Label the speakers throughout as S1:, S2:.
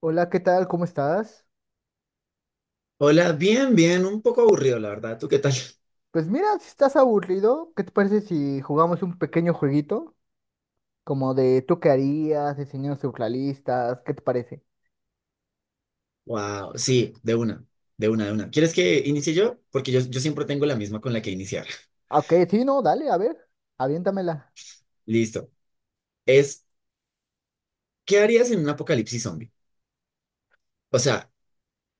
S1: Hola, ¿qué tal? ¿Cómo estás?
S2: Hola, bien, bien, un poco aburrido, la verdad. ¿Tú qué tal?
S1: Pues mira, si estás aburrido, ¿qué te parece si jugamos un pequeño jueguito? Como de tú qué harías, diseños surrealistas, ¿qué te parece?
S2: Wow, sí, de una, de una, de una. ¿Quieres que inicie yo? Porque yo siempre tengo la misma con la que iniciar.
S1: Ah, ok, sí, no, dale, a ver, aviéntamela.
S2: Listo. Es, ¿Qué harías en un apocalipsis zombie? O sea,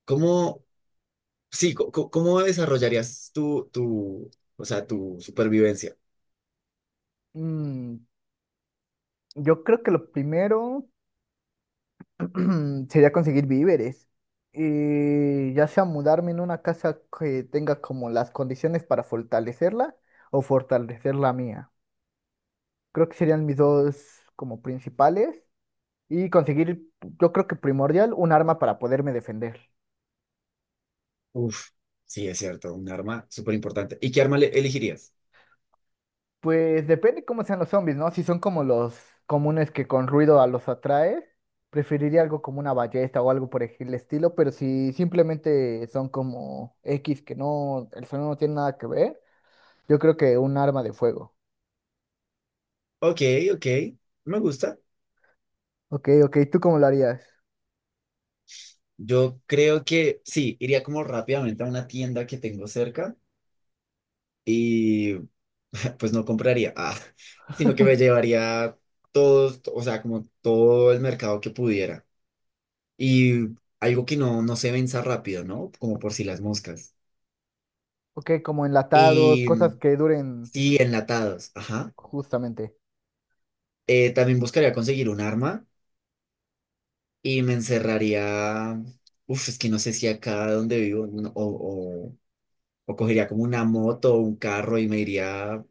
S2: ¿cómo, sí, cómo desarrollarías o sea, tu supervivencia?
S1: Mm, yo creo que lo primero sería conseguir víveres. Y ya sea mudarme en una casa que tenga como las condiciones para fortalecerla o fortalecer la mía. Creo que serían mis dos como principales. Y conseguir, yo creo que primordial, un arma para poderme defender.
S2: Uf, sí, es cierto, un arma súper importante. ¿Y qué arma elegirías?
S1: Pues depende cómo sean los zombies, ¿no? Si son como los comunes que con ruido a los atraes, preferiría algo como una ballesta o algo por el estilo, pero si simplemente son como X que no, el sonido no tiene nada que ver, yo creo que un arma de fuego.
S2: Ok, ok, me gusta.
S1: Ok, ok, ¿tú cómo lo harías?
S2: Yo creo que sí, iría como rápidamente a una tienda que tengo cerca y pues no compraría, sino que me llevaría todos, o sea, como todo el mercado que pudiera. Y algo que no se venza rápido, ¿no? Como por si las moscas.
S1: Ok, como enlatados,
S2: Y
S1: cosas que duren
S2: sí, enlatados, ajá.
S1: justamente.
S2: También buscaría conseguir un arma y me encerraría, uf, es que no sé si acá donde vivo, no, o cogería como una moto o un carro y me iría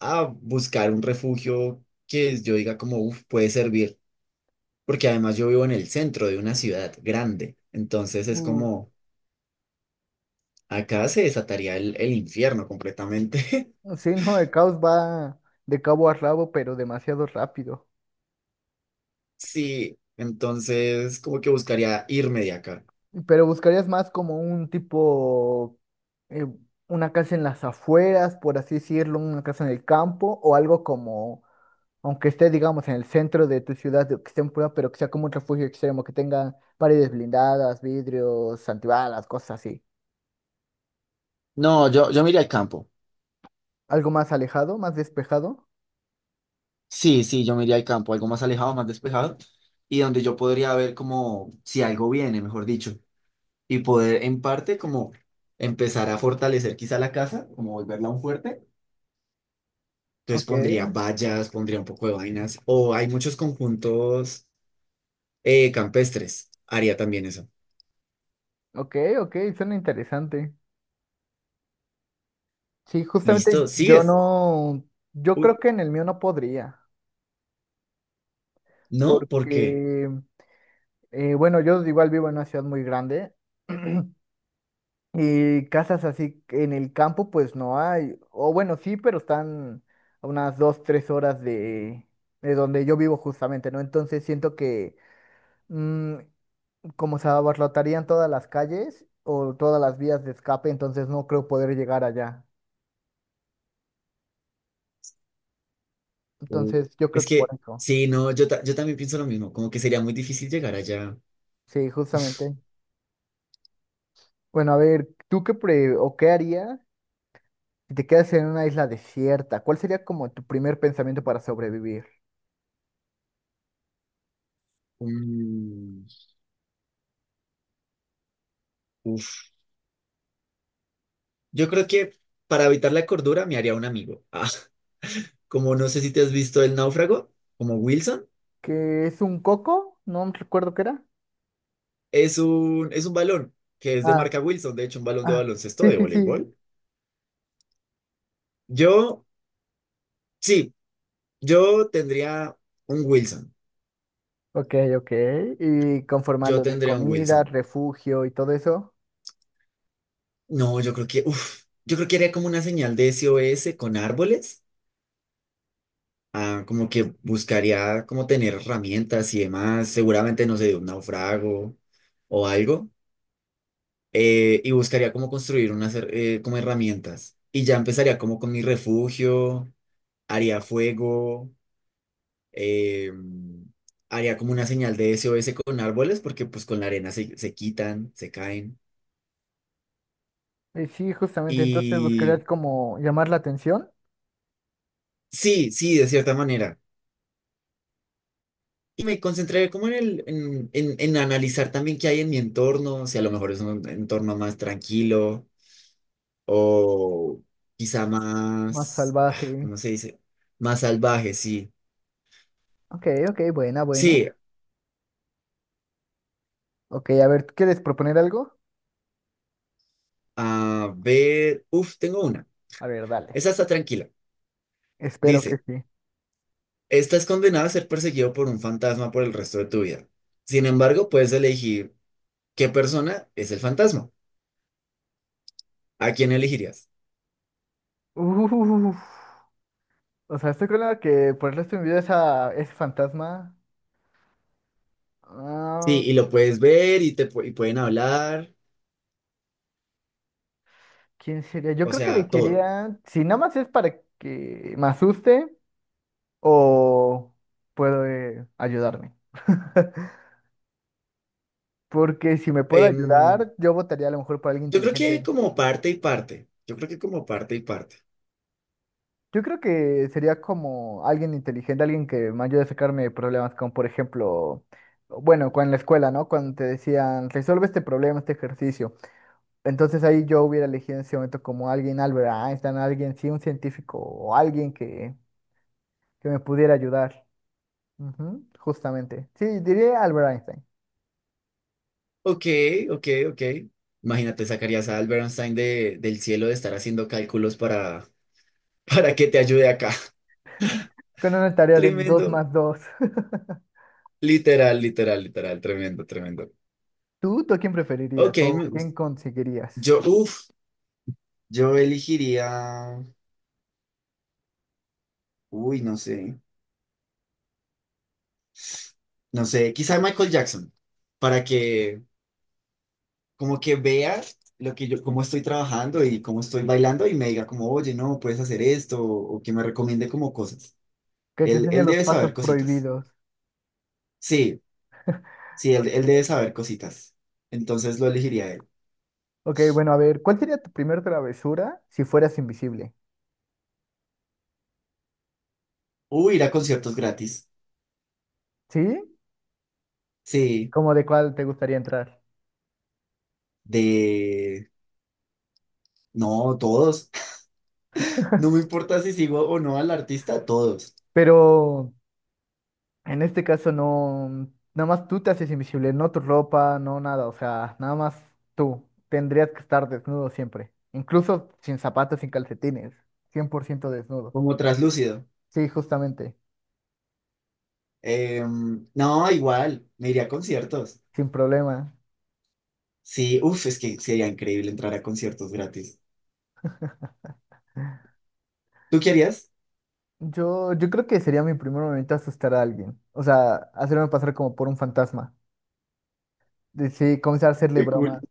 S2: a buscar un refugio que yo diga como, uf, puede servir porque además yo vivo en el centro de una ciudad grande, entonces es
S1: Uf,
S2: como, acá se desataría el infierno completamente.
S1: sí, no, el caos va de cabo a rabo, pero demasiado rápido.
S2: Sí, entonces como que buscaría irme de acá.
S1: Pero buscarías más como un tipo, eh, una casa en las afueras, por así decirlo, una casa en el campo, o algo como, aunque esté, digamos, en el centro de tu ciudad, de- que esté en prueba, pero que sea como un refugio extremo, que tenga paredes blindadas, vidrios, antibalas, cosas así.
S2: No, yo me iría al campo.
S1: Algo más alejado, más despejado.
S2: Sí, sí, yo me iría al campo, algo más alejado, más despejado, y donde yo podría ver como si algo viene, mejor dicho, y poder en parte como empezar a fortalecer quizá la casa, como volverla un fuerte. Entonces
S1: Ok,
S2: pondría vallas, pondría un poco de vainas, o hay muchos conjuntos. Campestres. Haría también eso.
S1: ok, ok, suena interesante. Sí, justamente
S2: ¿Listo?
S1: yo
S2: ¿Sigues?
S1: no, yo
S2: Uy,
S1: creo que en el mío no podría,
S2: ¿no? ¿Por qué?
S1: porque bueno, yo igual vivo en una ciudad muy grande y casas así en el campo pues no hay, o bueno, sí, pero están a unas 2, 3 horas de donde yo vivo justamente, ¿no? Entonces siento que mm, como se abarrotarían todas las calles o todas las vías de escape, entonces no creo poder llegar allá.
S2: Uy,
S1: Entonces yo creo
S2: es
S1: que por
S2: que,
S1: eso,
S2: sí, no, yo, yo también pienso lo mismo. Como que sería muy difícil llegar allá.
S1: sí, justamente. Bueno, a ver, ¿tú qué pre o qué harías si te quedas en una isla desierta? ¿Cuál sería como tu primer pensamiento para sobrevivir?
S2: Mm, uf. Yo creo que para evitar la cordura me haría un amigo. Como no sé si te has visto El Náufrago, como Wilson.
S1: Que es un coco, no recuerdo qué era.
S2: Es un balón que es de
S1: Ah,
S2: marca Wilson. De hecho, un balón de
S1: ah,
S2: baloncesto,
S1: sí,
S2: de
S1: sí, sí.
S2: voleibol. Yo, sí, yo tendría un Wilson.
S1: Ok, ok. Y conforme a
S2: Yo
S1: lo de
S2: tendría un
S1: comida,
S2: Wilson.
S1: refugio y todo eso.
S2: No, yo creo que, uf, yo creo que haría como una señal de SOS con árboles, como que buscaría como tener herramientas y demás, seguramente no sé, de un naufrago o algo, y buscaría como construir unas como herramientas. Y ya empezaría como con mi refugio, haría fuego, eh, haría como una señal de SOS con árboles, porque pues con la arena se quitan, se caen.
S1: Y sí, justamente, entonces
S2: Y
S1: buscarías como llamar la atención.
S2: sí, sí, de cierta manera. Y me concentré como en, en analizar también qué hay en mi entorno, si a lo mejor es un entorno más tranquilo o quizá
S1: Más
S2: más,
S1: salvaje.
S2: ¿cómo se dice? Más salvaje, sí.
S1: Ok, ok, buena,
S2: Sí,
S1: buena. Ok, a ver, ¿quieres proponer algo?
S2: a ver, uf, tengo una.
S1: A ver, dale.
S2: Esa está tranquila.
S1: Espero que
S2: Dice,
S1: sí.
S2: estás condenado a ser perseguido por un fantasma por el resto de tu vida. Sin embargo, puedes elegir qué persona es el fantasma. ¿A quién elegirías?
S1: Uf, o sea, estoy con la que por el resto de mi vida esa, ese fantasma.
S2: Sí,
S1: ah,
S2: y lo puedes ver y te y pueden hablar,
S1: ¿Quién sería? Yo
S2: o
S1: creo que le
S2: sea, todo.
S1: quería. Si nada más es para que me asuste, o puede ayudarme. Porque si me puede
S2: Em,
S1: ayudar, yo votaría a lo mejor por alguien
S2: yo creo que
S1: inteligente.
S2: como parte y parte. Yo creo que como parte y parte.
S1: Yo creo que sería como alguien inteligente, alguien que me ayude a sacarme de problemas, como por ejemplo, bueno, cuando en la escuela, ¿no? Cuando te decían, resuelve este problema, este ejercicio. Entonces ahí yo hubiera elegido en ese momento como alguien, Albert Einstein, alguien, sí, un científico o alguien que me pudiera ayudar. Ujú, justamente. Sí, diría Albert Einstein.
S2: Ok, ok, ok. Imagínate, sacarías a Albert Einstein de, del cielo de estar haciendo cálculos para, para que te ayude acá.
S1: Con una tarea de dos
S2: Tremendo.
S1: más dos.
S2: Literal, literal, literal. Tremendo, tremendo.
S1: ¿Tú a quién preferirías
S2: Ok,
S1: o
S2: me
S1: quién
S2: gusta.
S1: conseguirías?
S2: Yo, uff, yo elegiría. Uy, no sé. No sé, quizá Michael Jackson. Para que, como que vea lo que yo, cómo estoy trabajando y cómo estoy bailando y me diga como, oye, no, puedes hacer esto, o que me recomiende como cosas.
S1: Que te enseñe
S2: Él
S1: los
S2: debe
S1: pasos
S2: saber cositas.
S1: prohibidos.
S2: Sí, sí, él debe
S1: Ok.
S2: saber cositas. Entonces lo elegiría él.
S1: Ok, bueno, a ver, ¿cuál sería tu primer travesura si fueras invisible?
S2: O ir a conciertos gratis.
S1: ¿Sí?
S2: Sí,
S1: ¿Cómo de cuál te gustaría entrar?
S2: de... No, todos. No me importa si sigo o no al artista, todos.
S1: Pero en este caso no, nada más tú te haces invisible, no tu ropa, no nada, o sea, nada más tú. Tendrías que estar desnudo siempre, incluso sin zapatos, sin calcetines, 100% desnudo.
S2: Como traslúcido.
S1: Sí, justamente,
S2: No, igual, me iría a conciertos.
S1: sin problema.
S2: Sí, uff, es que sería increíble entrar a conciertos gratis. ¿Tú querías?
S1: Yo creo que sería mi primer momento asustar a alguien. O sea, hacerme pasar como por un fantasma. Sí, comenzar a hacerle
S2: Qué cool.
S1: bromas.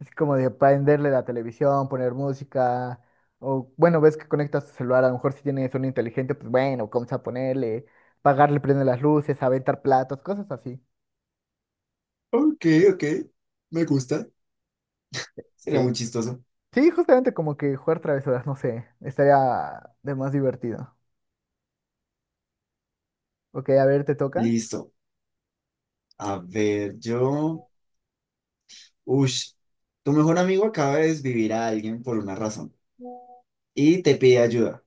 S1: Es como de prenderle la televisión, poner música. O bueno, ves que conectas tu celular. A lo mejor si tienes un inteligente, pues bueno, comienza a ponerle, pagarle, prende las luces, aventar platos, cosas así.
S2: Ok, ok. Me gusta. Sería
S1: Sí.
S2: muy chistoso.
S1: Sí, justamente como que jugar travesuras, no sé. Estaría de más divertido. Ok, a ver, ¿te toca?
S2: Listo. A ver, yo. Ush. Tu mejor amigo acaba de desvivir a alguien por una razón y te pide ayuda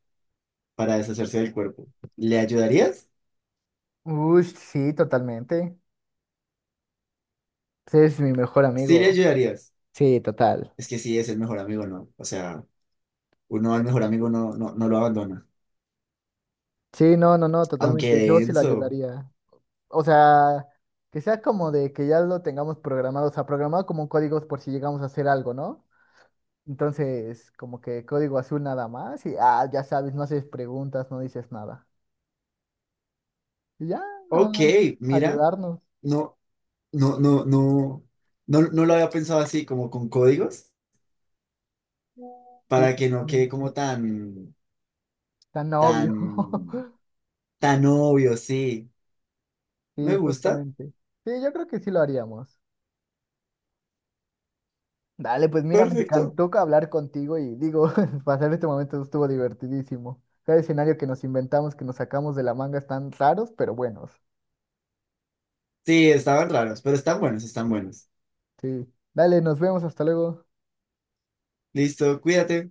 S2: para deshacerse del cuerpo. ¿Le ayudarías?
S1: Uy, sí, totalmente. Pues eres mi mejor
S2: Sí, le
S1: amigo.
S2: ayudarías.
S1: Sí, total.
S2: Es que sí, es el mejor amigo, ¿no? O sea, uno al mejor amigo no, no lo abandona.
S1: Sí, no, no, no,
S2: Aunque
S1: totalmente. Yo sí lo
S2: denso.
S1: ayudaría. O sea, que sea como de que ya lo tengamos programado, o sea, programado como códigos por si llegamos a hacer algo, ¿no? Entonces, como que código azul nada más y, ya sabes, no haces preguntas, no dices nada. Y ya, nada
S2: Ok,
S1: más,
S2: mira.
S1: ayudarnos.
S2: No, no, no, no. No, no lo había pensado así, como con códigos,
S1: Sí,
S2: para que no quede
S1: justamente.
S2: como tan.
S1: Tan obvio.
S2: Tan, tan obvio, sí.
S1: Sí,
S2: Me gusta.
S1: justamente. Sí, yo creo que sí lo haríamos. Dale, pues mira, me
S2: Perfecto.
S1: encantó que hablar contigo y digo, pasar este momento estuvo divertidísimo. Cada escenario que nos inventamos, que nos sacamos de la manga están raros, pero buenos.
S2: Sí, estaban raros, pero están buenos, están buenos.
S1: Sí. Dale, nos vemos, hasta luego.
S2: Listo, cuídate.